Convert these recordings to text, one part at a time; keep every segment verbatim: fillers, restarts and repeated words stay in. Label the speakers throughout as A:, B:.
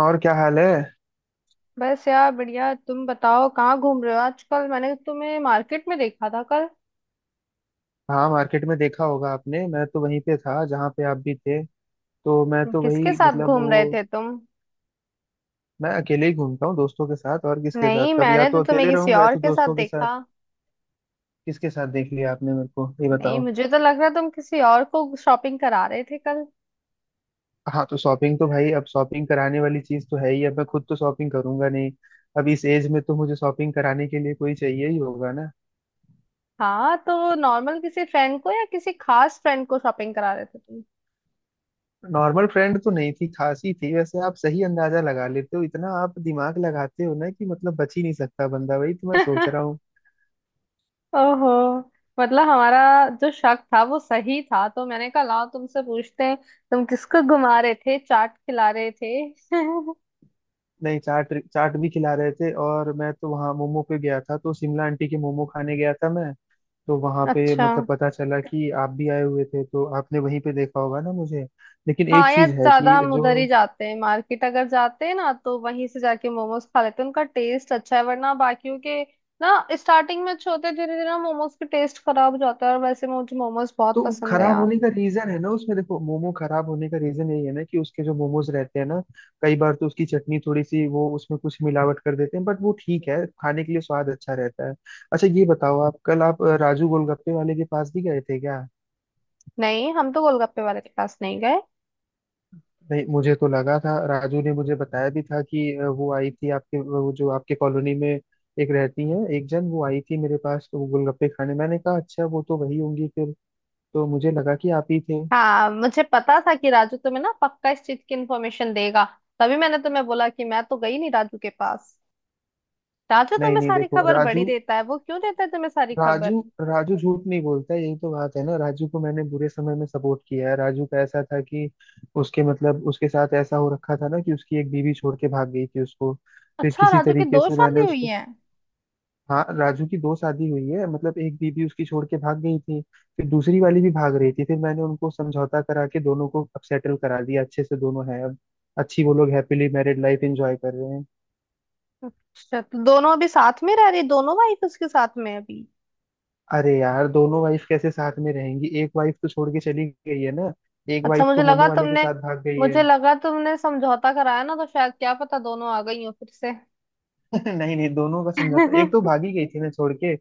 A: और क्या हाल है।
B: बस यार बढ़िया। तुम बताओ कहाँ घूम रहे हो आजकल, मैंने तो तुम्हें मार्केट में देखा था कल।
A: हाँ, मार्केट में देखा होगा आपने। मैं तो वहीं पे था जहाँ पे आप भी थे। तो मैं तो
B: किसके
A: वही
B: साथ
A: मतलब
B: घूम रहे
A: वो
B: थे तुम?
A: मैं अकेले ही घूमता हूँ दोस्तों के साथ। और किसके साथ?
B: नहीं,
A: कभी या
B: मैंने तो
A: तो
B: तुम्हें
A: अकेले
B: किसी
A: रहूंगा या
B: और
A: तो
B: के साथ
A: दोस्तों के साथ।
B: देखा।
A: किसके साथ देख लिया आपने? मेरे को ये
B: नहीं,
A: बताओ।
B: मुझे तो लग रहा तुम किसी और को शॉपिंग करा रहे थे कल।
A: हाँ, तो शॉपिंग तो भाई, अब शॉपिंग कराने वाली चीज तो है ही। अब मैं खुद तो शॉपिंग करूंगा नहीं। अब इस एज में तो मुझे शॉपिंग कराने के लिए कोई चाहिए ही होगा ना।
B: हाँ, तो नॉर्मल किसी फ्रेंड को या किसी खास फ्रेंड को शॉपिंग करा रहे थे तुम?
A: नॉर्मल फ्रेंड तो नहीं थी, खास ही थी। वैसे आप सही अंदाजा लगा लेते हो, इतना आप दिमाग लगाते हो ना कि मतलब बच ही नहीं सकता बंदा। वही तो मैं सोच रहा हूँ।
B: ओहो। मतलब हमारा जो शक था वो सही था, तो मैंने कहा लाओ तुमसे पूछते हैं। तुम किसको घुमा रहे थे, चाट खिला रहे थे?
A: नहीं, चाट चाट भी खिला रहे थे, और मैं तो वहाँ मोमो पे गया था, तो शिमला आंटी के मोमो खाने गया था मैं। तो वहाँ पे
B: अच्छा।
A: मतलब पता चला कि आप भी आए हुए थे, तो आपने वहीं पे देखा होगा ना मुझे। लेकिन
B: हाँ
A: एक
B: यार,
A: चीज है
B: ज्यादा
A: कि
B: हम
A: जो।
B: उधर ही जाते हैं, मार्केट अगर जाते हैं ना तो वहीं से जाके मोमोज खा लेते हैं, उनका टेस्ट अच्छा है। वरना बाकियों के ना स्टार्टिंग में अच्छे होते हैं, धीरे धीरे ना मोमोज के टेस्ट खराब हो जाता है। और वैसे मुझे मोमोज बहुत
A: तो
B: पसंद है
A: खराब
B: यार।
A: होने का रीजन है ना उसमें, देखो, मोमो खराब होने का रीजन यही है ना कि उसके जो मोमोज रहते हैं ना, कई बार तो उसकी चटनी थोड़ी सी, वो उसमें कुछ मिलावट कर देते हैं। बट वो ठीक है, खाने के लिए स्वाद अच्छा रहता है। अच्छा, ये बताओ, आप कल आप अ, राजू गोलगप्पे वाले के पास भी गए थे क्या?
B: नहीं, हम तो गोलगप्पे वाले के पास नहीं गए।
A: नहीं, मुझे तो लगा था, राजू ने मुझे बताया भी था कि अ, वो आई थी आपके, वो जो आपके कॉलोनी में एक रहती है, एक जन, वो आई थी मेरे पास, तो वो गोलगप्पे खाने। मैंने कहा, अच्छा, वो तो वही होंगी फिर। तो मुझे लगा कि आप ही थे।
B: हाँ, मुझे पता था कि राजू तुम्हें ना पक्का इस चीज की इन्फॉर्मेशन देगा। तभी मैंने तुम्हें बोला कि मैं तो गई नहीं राजू के पास। राजू
A: नहीं
B: तुम्हें
A: नहीं
B: सारी
A: देखो
B: खबर बड़ी
A: राजू,
B: देता है। वो क्यों देता है तुम्हें सारी खबर?
A: राजू राजू झूठ नहीं बोलता। यही तो बात है ना। राजू को मैंने बुरे समय में सपोर्ट किया है। राजू का ऐसा था कि उसके मतलब उसके साथ ऐसा हो रखा था ना कि उसकी एक बीवी छोड़ के भाग गई थी उसको। फिर
B: अच्छा,
A: किसी
B: राजू की
A: तरीके
B: दो
A: से मैंने
B: शादी हुई
A: उसको,
B: है?
A: हाँ, राजू की दो शादी हुई है मतलब एक बीबी उसकी छोड़ के भाग गई थी। फिर दूसरी वाली भी भाग रही थी, फिर मैंने उनको समझौता करा के दोनों को अब सेटल करा दिया अच्छे से, दोनों हैं अब अच्छी, वो लोग हैप्पीली मैरिड लाइफ एंजॉय कर रहे हैं।
B: अच्छा, तो दोनों अभी साथ में रह रही, दोनों वाइफ उसके साथ में है अभी?
A: अरे यार, दोनों वाइफ कैसे साथ में रहेंगी? एक वाइफ तो छोड़ के चली गई है ना, एक
B: अच्छा,
A: वाइफ
B: मुझे
A: तो
B: लगा
A: मोमो वाले के
B: तुमने,
A: साथ भाग गई है।
B: मुझे लगा तुमने समझौता कराया ना तो शायद क्या पता दोनों आ गई हो फिर से।
A: नहीं नहीं, दोनों का समझौता, एक तो भागी गई थी ना छोड़ के,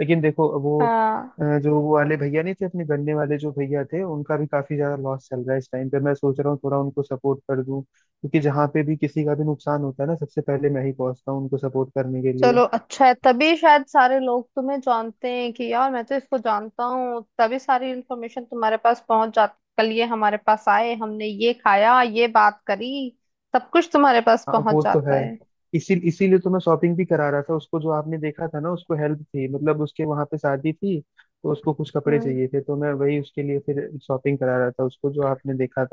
A: लेकिन देखो वो
B: हाँ।
A: अ, जो वो वाले भैया नहीं थे अपने गन्ने वाले जो भैया थे, उनका भी काफी ज्यादा लॉस चल रहा है इस टाइम पे। मैं सोच रहा हूँ थोड़ा उनको सपोर्ट कर दूं, क्योंकि जहाँ पे भी किसी का भी नुकसान होता है ना, सबसे पहले मैं ही पहुंचता हूँ उनको सपोर्ट करने के लिए।
B: चलो अच्छा है, तभी शायद सारे लोग तुम्हें जानते हैं कि यार मैं तो इसको जानता हूँ, तभी सारी इन्फॉर्मेशन तुम्हारे पास पहुंच जाती, कल ये हमारे पास आए, हमने ये खाया, ये बात करी। सब कुछ तुम्हारे पास
A: हाँ,
B: पहुंच
A: वो तो
B: जाता
A: है।
B: है।
A: इसी इसीलिए तो मैं शॉपिंग भी करा रहा था उसको, जो आपने देखा था ना। उसको हेल्प थी, मतलब उसके वहां पे शादी थी, तो उसको कुछ कपड़े
B: हम्म।
A: चाहिए थे, तो मैं वही उसके लिए फिर शॉपिंग करा रहा था उसको, जो आपने देखा।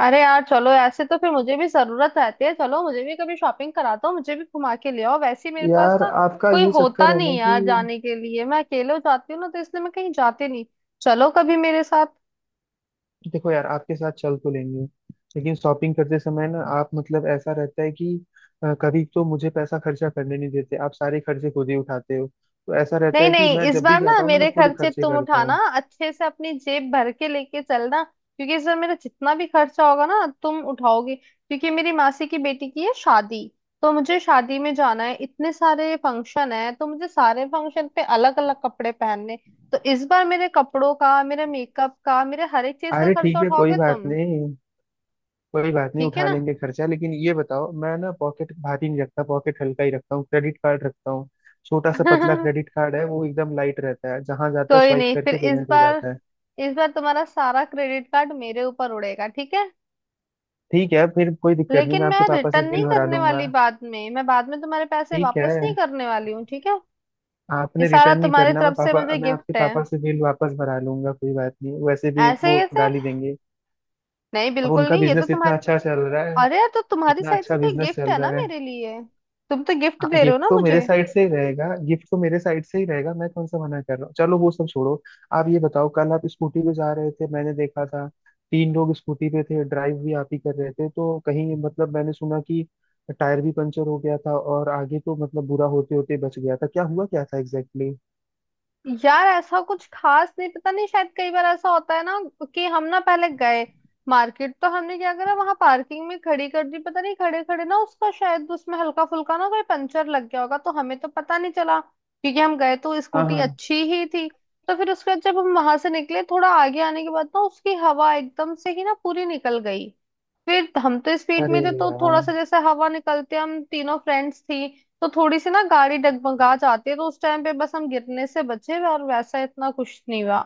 B: अरे यार, चलो ऐसे तो फिर मुझे भी जरूरत रहती है, चलो मुझे भी कभी शॉपिंग कराता हूँ, मुझे भी घुमा के ले आओ। वैसे ही मेरे पास
A: यार,
B: ना
A: आपका
B: कोई
A: ये चक्कर
B: होता
A: है
B: नहीं
A: ना कि,
B: यार जाने के लिए, मैं अकेले हो जाती हूँ ना तो इसलिए मैं कहीं जाती नहीं। चलो कभी मेरे साथ।
A: देखो यार, आपके साथ चल तो लेंगे, लेकिन शॉपिंग करते समय ना आप मतलब ऐसा रहता है कि अ, कभी तो मुझे पैसा खर्चा करने नहीं देते आप, सारे खर्चे खुद ही उठाते हो, तो ऐसा रहता
B: नहीं
A: है कि
B: नहीं,
A: मैं
B: इस
A: जब भी
B: बार ना
A: जाता हूँ ना, मैं
B: मेरे
A: खुद
B: खर्चे
A: खर्चे
B: तुम
A: करता
B: उठाना,
A: हूँ।
B: अच्छे से अपनी जेब भर के लेके चलना, क्योंकि इस बार मेरा जितना भी खर्चा होगा ना तुम उठाओगे, क्योंकि मेरी मासी की बेटी की है शादी। तो मुझे शादी में जाना है, इतने सारे फंक्शन है तो मुझे सारे फंक्शन पे अलग अलग कपड़े पहनने। तो इस बार मेरे कपड़ों का, मेरे मेकअप का, मेरे हर एक चीज का
A: अरे
B: खर्चा
A: ठीक है, कोई
B: उठाओगे
A: बात
B: तुम,
A: नहीं। कोई बात नहीं,
B: ठीक है
A: उठा
B: ना।
A: लेंगे खर्चा। लेकिन ये बताओ, मैं ना पॉकेट भारी नहीं रखता, पॉकेट हल्का ही रखता हूँ, क्रेडिट कार्ड रखता हूँ। छोटा सा पतला क्रेडिट कार्ड है, वो एकदम लाइट रहता है, जहां जाता है
B: कोई
A: स्वाइप
B: नहीं, फिर
A: करके
B: इस
A: पेमेंट हो
B: बार,
A: जाता है।
B: इस बार तुम्हारा सारा क्रेडिट कार्ड मेरे ऊपर उड़ेगा, ठीक है?
A: ठीक है, फिर कोई दिक्कत नहीं,
B: लेकिन
A: मैं
B: मैं
A: आपके पापा से
B: रिटर्न नहीं
A: बिल भरा
B: करने वाली
A: लूंगा।
B: बाद में, मैं बाद में तुम्हारे पैसे
A: ठीक है,
B: वापस नहीं करने वाली हूँ, ठीक है। ये
A: आपने
B: सारा
A: रिटर्न नहीं
B: तुम्हारी
A: करना, मैं
B: तरफ से
A: पापा
B: मुझे
A: मैं आपके
B: गिफ्ट है।
A: पापा से बिल वापस भरा लूंगा, कोई बात नहीं, वैसे भी
B: ऐसे
A: वो
B: कैसे?
A: डाल ही देंगे।
B: नहीं
A: अब
B: बिल्कुल
A: उनका
B: नहीं, ये तो
A: बिजनेस इतना
B: तुम्हारे।
A: अच्छा चल रहा है,
B: अरे यार, तो तुम्हारी
A: इतना
B: साइड
A: अच्छा
B: से तो
A: बिजनेस
B: गिफ्ट
A: चल
B: है
A: रहा
B: ना
A: है।
B: मेरे लिए। तुम तो गिफ्ट
A: हाँ,
B: दे रहे हो
A: गिफ्ट
B: ना
A: तो
B: मुझे।
A: मेरे साइड से ही रहेगा, गिफ्ट तो मेरे साइड से ही रहेगा, मैं कौन सा मना कर रहा हूँ। चलो वो सब छोड़ो। आप ये बताओ, कल आप स्कूटी पे जा रहे थे मैंने देखा था, तीन लोग स्कूटी पे थे, ड्राइव भी आप ही कर रहे थे। तो कहीं मतलब मैंने सुना कि टायर भी पंचर हो गया था और आगे तो मतलब बुरा होते होते बच गया था। क्या हुआ क्या था एग्जैक्टली exactly?
B: यार ऐसा कुछ खास नहीं, पता नहीं शायद कई बार ऐसा होता है ना कि हम ना पहले गए मार्केट, तो हमने क्या करा, वहां पार्किंग में खड़ी कर दी, पता नहीं खड़े खड़े ना उसका शायद, उसमें हल्का फुल्का ना कोई पंचर लग गया होगा, तो हमें तो पता नहीं चला क्योंकि हम गए तो
A: हाँ
B: स्कूटी
A: हाँ।
B: अच्छी ही थी। तो फिर उसके बाद जब हम वहां से निकले, थोड़ा आगे आने के बाद ना उसकी हवा एकदम से ही ना पूरी निकल गई। फिर हम तो स्पीड
A: अरे
B: में थे, तो
A: यार,
B: थोड़ा सा जैसे हवा निकलते, हम तीनों फ्रेंड्स थी, तो थोड़ी सी ना गाड़ी डगमगा जाती है, तो उस टाइम पे बस हम गिरने से बचे और वैसा इतना कुछ नहीं हुआ।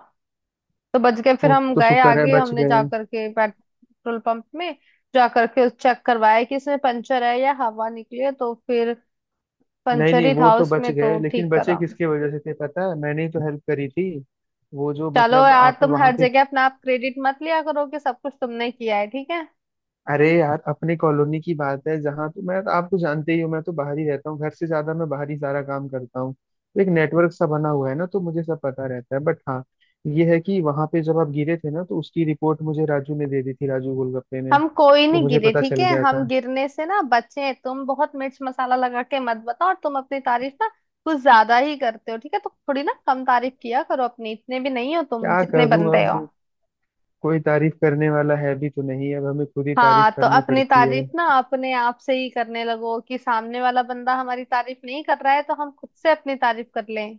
B: तो बच गए, फिर
A: वो
B: हम
A: तो
B: गए
A: शुक्र है
B: आगे,
A: बच
B: हमने जा
A: गए।
B: करके पेट्रोल पंप में जा करके चेक करवाया कि इसमें पंचर है या हवा निकली है, तो फिर
A: नहीं
B: पंचर
A: नहीं,
B: ही
A: वो
B: था
A: तो बच
B: उसमें,
A: गए,
B: तो
A: लेकिन
B: ठीक
A: बचे
B: करा।
A: किसके वजह से थे पता है? मैंने ही तो हेल्प करी थी, वो जो
B: चलो
A: मतलब
B: यार,
A: आप
B: तुम
A: वहां
B: हर
A: पे,
B: जगह अपना आप क्रेडिट मत लिया करो कि सब कुछ तुमने किया है, ठीक है।
A: अरे यार, अपने कॉलोनी की बात है जहाँ तो मैं, आप तो जानते ही हो मैं तो बाहर ही रहता हूँ घर से ज्यादा, मैं बाहर ही सारा काम करता हूँ, तो एक नेटवर्क सा बना हुआ है ना, तो मुझे सब पता रहता है। बट हाँ, ये है कि वहां पे जब आप गिरे थे ना, तो उसकी रिपोर्ट मुझे राजू ने दे दी थी, राजू गोलगप्पे ने,
B: हम कोई
A: तो
B: नहीं
A: मुझे
B: गिरे,
A: पता
B: ठीक
A: चल
B: है,
A: गया
B: हम
A: था।
B: गिरने से ना बचे, तुम बहुत मिर्च मसाला लगा के मत बताओ, और तुम अपनी तारीफ ना कुछ ज्यादा ही करते हो, ठीक है, तो थोड़ी ना कम तारीफ किया करो अपनी, इतने भी नहीं हो तुम
A: क्या
B: जितने
A: करूँ
B: बनते हो।
A: अब, कोई तारीफ करने वाला है भी तो नहीं, अब हमें खुद ही तारीफ
B: हाँ, तो
A: करनी
B: अपनी
A: पड़ती है।
B: तारीफ ना अपने आप से ही करने लगो कि सामने वाला बंदा हमारी तारीफ नहीं कर रहा है तो हम खुद से अपनी तारीफ कर लें।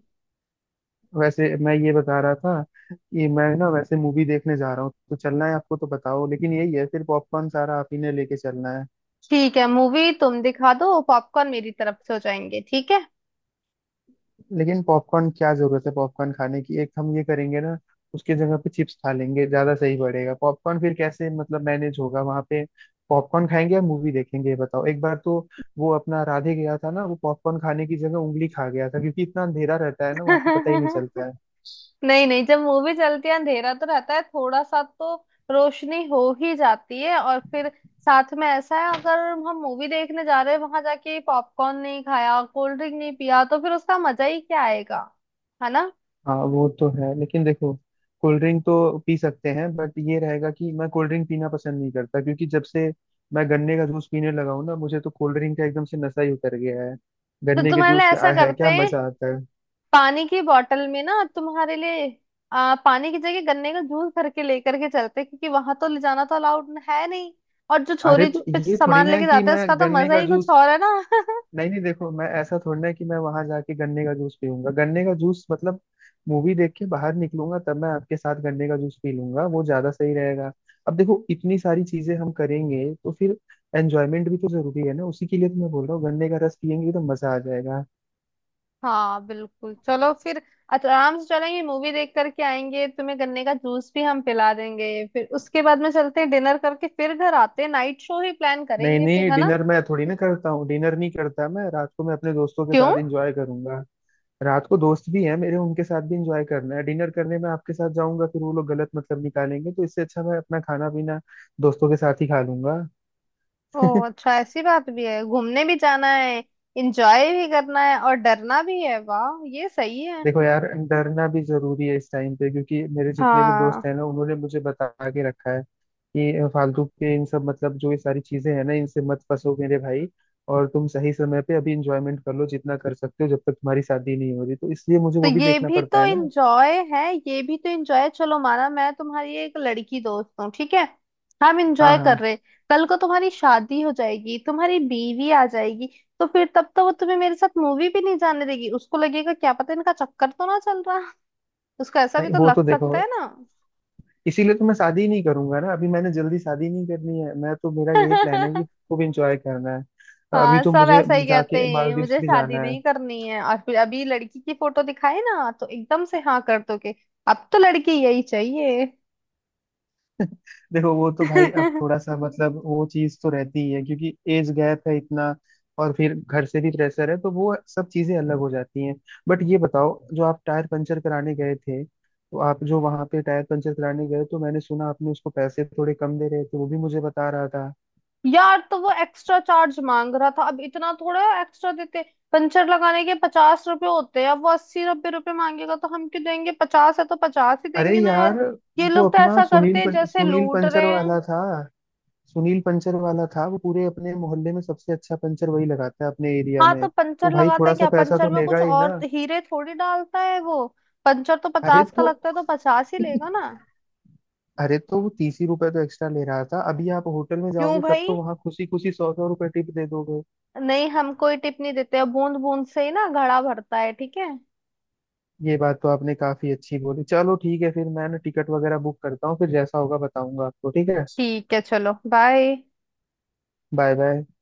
A: वैसे मैं ये बता रहा था कि मैं ना वैसे मूवी देखने जा रहा हूँ, तो चलना है आपको तो बताओ, लेकिन यही है फिर पॉपकॉर्न सारा आप ही ने लेके चलना है।
B: ठीक है, मूवी तुम दिखा दो, पॉपकॉर्न मेरी तरफ से हो जाएंगे, ठीक।
A: लेकिन पॉपकॉर्न क्या जरूरत है पॉपकॉर्न खाने की? एक हम ये करेंगे ना, उसकी जगह पे चिप्स खा लेंगे, ज्यादा सही पड़ेगा, पॉपकॉर्न फिर कैसे मतलब मैनेज होगा वहां पे? पॉपकॉर्न खाएंगे या मूवी देखेंगे ये बताओ एक बार तो। वो अपना राधे गया था ना, वो पॉपकॉर्न खाने की जगह उंगली खा गया था, क्योंकि इतना अंधेरा रहता है ना वहां पे, पता ही नहीं
B: है
A: चलता है।
B: नहीं नहीं, जब मूवी चलती है अंधेरा तो रहता है थोड़ा सा, तो रोशनी हो ही जाती है, और फिर साथ में ऐसा है, अगर हम मूवी देखने जा रहे हैं वहां जाके पॉपकॉर्न नहीं खाया, कोल्ड ड्रिंक नहीं पिया, तो फिर उसका मजा ही क्या आएगा, है ना।
A: हाँ, वो तो है, लेकिन देखो, कोल्ड ड्रिंक तो पी सकते हैं, बट ये रहेगा कि मैं कोल्ड ड्रिंक पीना पसंद नहीं करता, क्योंकि जब से मैं गन्ने का जूस पीने लगा हूँ ना, मुझे तो कोल्ड ड्रिंक का एकदम से नशा ही उतर गया है।
B: तो
A: गन्ने के
B: तुम्हारे लिए
A: जूस में
B: ऐसा
A: आ है
B: करते
A: क्या
B: हैं,
A: मजा आता है।
B: पानी की बोतल में ना तुम्हारे लिए, आ, पानी की जगह गन्ने का जूस भर के लेकर के चलते हैं, क्योंकि वहां तो ले जाना तो अलाउड है नहीं, और जो
A: अरे
B: छोरी
A: तो
B: पे
A: ये थोड़ी
B: सामान
A: ना है
B: लेके
A: कि
B: जाते हैं
A: मैं
B: उसका तो
A: गन्ने
B: मजा
A: का
B: ही कुछ
A: जूस,
B: और है ना।
A: नहीं नहीं देखो, मैं ऐसा थोड़ी ना है कि मैं वहां जाके गन्ने का जूस पीऊंगा, गन्ने का जूस मतलब मूवी देख के बाहर निकलूंगा तब मैं आपके साथ गन्ने का जूस पी लूंगा, वो ज्यादा सही रहेगा। अब देखो, इतनी सारी चीजें हम करेंगे तो फिर एंजॉयमेंट भी तो जरूरी है ना, उसी के लिए तो मैं बोल रहा हूँ गन्ने का रस पियेंगे तो मजा आ जाएगा।
B: हाँ बिल्कुल, चलो फिर आराम से चलेंगे, मूवी देख करके आएंगे, तुम्हें गन्ने का जूस भी हम पिला देंगे, फिर उसके बाद में चलते हैं डिनर करके, फिर घर आते हैं, नाइट शो ही प्लान
A: नहीं
B: करेंगे फिर,
A: नहीं,
B: है ना।
A: डिनर मैं थोड़ी ना करता हूँ, डिनर नहीं करता मैं रात को, मैं अपने दोस्तों के
B: क्यों?
A: साथ एंजॉय करूंगा। रात को दोस्त भी हैं मेरे, उनके साथ भी इंजॉय करना है, डिनर करने में आपके साथ जाऊंगा फिर वो लोग गलत मतलब निकालेंगे, तो इससे अच्छा मैं अपना खाना पीना दोस्तों के साथ ही खा लूंगा।
B: ओ अच्छा, ऐसी बात भी है, घूमने भी जाना है, एंजॉय भी करना है और डरना भी है, वाह ये सही है।
A: देखो यार, डरना भी जरूरी है इस टाइम पे, क्योंकि मेरे जितने भी
B: हाँ,
A: दोस्त हैं ना उन्होंने मुझे बता के रखा है कि फालतू के इन सब मतलब जो ये सारी चीजें हैं ना, इनसे मत फंसो मेरे भाई, और तुम सही समय पे अभी इंजॉयमेंट कर लो जितना कर सकते हो जब तक तुम्हारी शादी नहीं हो रही, तो इसलिए मुझे
B: तो
A: वो भी
B: ये
A: देखना
B: भी
A: पड़ता
B: तो
A: है ना।
B: इंजॉय है, ये भी तो इंजॉय है, चलो माना मैं तुम्हारी एक लड़की दोस्त हूँ, ठीक है, हम
A: हाँ
B: इंजॉय कर
A: हाँ।
B: रहे, कल को तुम्हारी शादी हो जाएगी, तुम्हारी बीवी आ जाएगी, तो फिर तब तो वो तुम्हें मेरे साथ मूवी भी नहीं जाने देगी, उसको लगेगा क्या पता इनका चक्कर तो ना चल रहा, उसको ऐसा भी
A: नहीं
B: तो
A: वो तो
B: लग
A: देखो,
B: सकता है ना।
A: इसीलिए तो मैं शादी नहीं करूंगा ना अभी, मैंने जल्दी शादी नहीं करनी है, मैं तो, मेरा यही प्लान है कि खूब एंजॉय करना है। अभी
B: हाँ,
A: तो
B: सब
A: मुझे
B: ऐसा ही कहते
A: जाके
B: हैं
A: मालदीव्स
B: मुझे
A: भी
B: शादी
A: जाना है।
B: नहीं करनी है, और फिर अभी लड़की की फोटो दिखाए ना तो एकदम से हाँ कर दोगे, अब तो लड़की यही चाहिए।
A: देखो, वो तो भाई अब थोड़ा सा मतलब वो चीज तो रहती ही है, क्योंकि एज गैप है इतना, और फिर घर से भी प्रेशर है, तो वो सब चीजें अलग हो जाती हैं। बट ये बताओ, जो आप टायर पंचर कराने गए थे, तो आप जो वहां पे टायर पंचर कराने गए, तो मैंने सुना आपने उसको पैसे थोड़े कम दे रहे थे, वो भी मुझे बता रहा था।
B: यार, तो वो एक्स्ट्रा चार्ज मांग रहा था, अब इतना थोड़ा एक्स्ट्रा देते, पंचर लगाने के पचास रुपए होते हैं, अब वो अस्सी नब्बे रुपए मांगेगा तो हम क्यों देंगे, पचास है तो पचास ही
A: अरे
B: देंगे ना यार,
A: यार,
B: ये
A: वो
B: लोग तो
A: अपना
B: ऐसा करते
A: सुनील
B: हैं
A: पं,
B: जैसे
A: सुनील
B: लूट
A: पंचर
B: रहे हैं।
A: वाला था, सुनील पंचर वाला था वो, पूरे अपने मोहल्ले में सबसे अच्छा पंचर वही लगाता है अपने एरिया
B: हाँ,
A: में,
B: तो
A: तो
B: पंचर
A: भाई
B: लगाता
A: थोड़ा
B: है
A: सा
B: क्या,
A: पैसा
B: पंचर
A: तो
B: में
A: लेगा
B: कुछ
A: ही ना।
B: और हीरे थोड़ी डालता है वो, पंचर तो
A: अरे
B: पचास का
A: तो,
B: लगता है तो पचास ही लेगा ना।
A: अरे तो वो तीस ही रुपए तो एक्स्ट्रा ले रहा था। अभी आप होटल में
B: क्यों
A: जाओगे तब
B: भाई,
A: तो वहां खुशी खुशी सौ सौ रुपए टिप दे दोगे।
B: नहीं हम कोई टिप नहीं देते, बूंद बूंद से ही ना घड़ा भरता है, ठीक है।
A: ये बात तो आपने काफी अच्छी बोली, चलो ठीक है फिर, मैं ना टिकट वगैरह बुक करता हूँ, फिर जैसा होगा बताऊंगा आपको ठीक है।
B: ठीक है, चलो बाय।
A: Bye bye.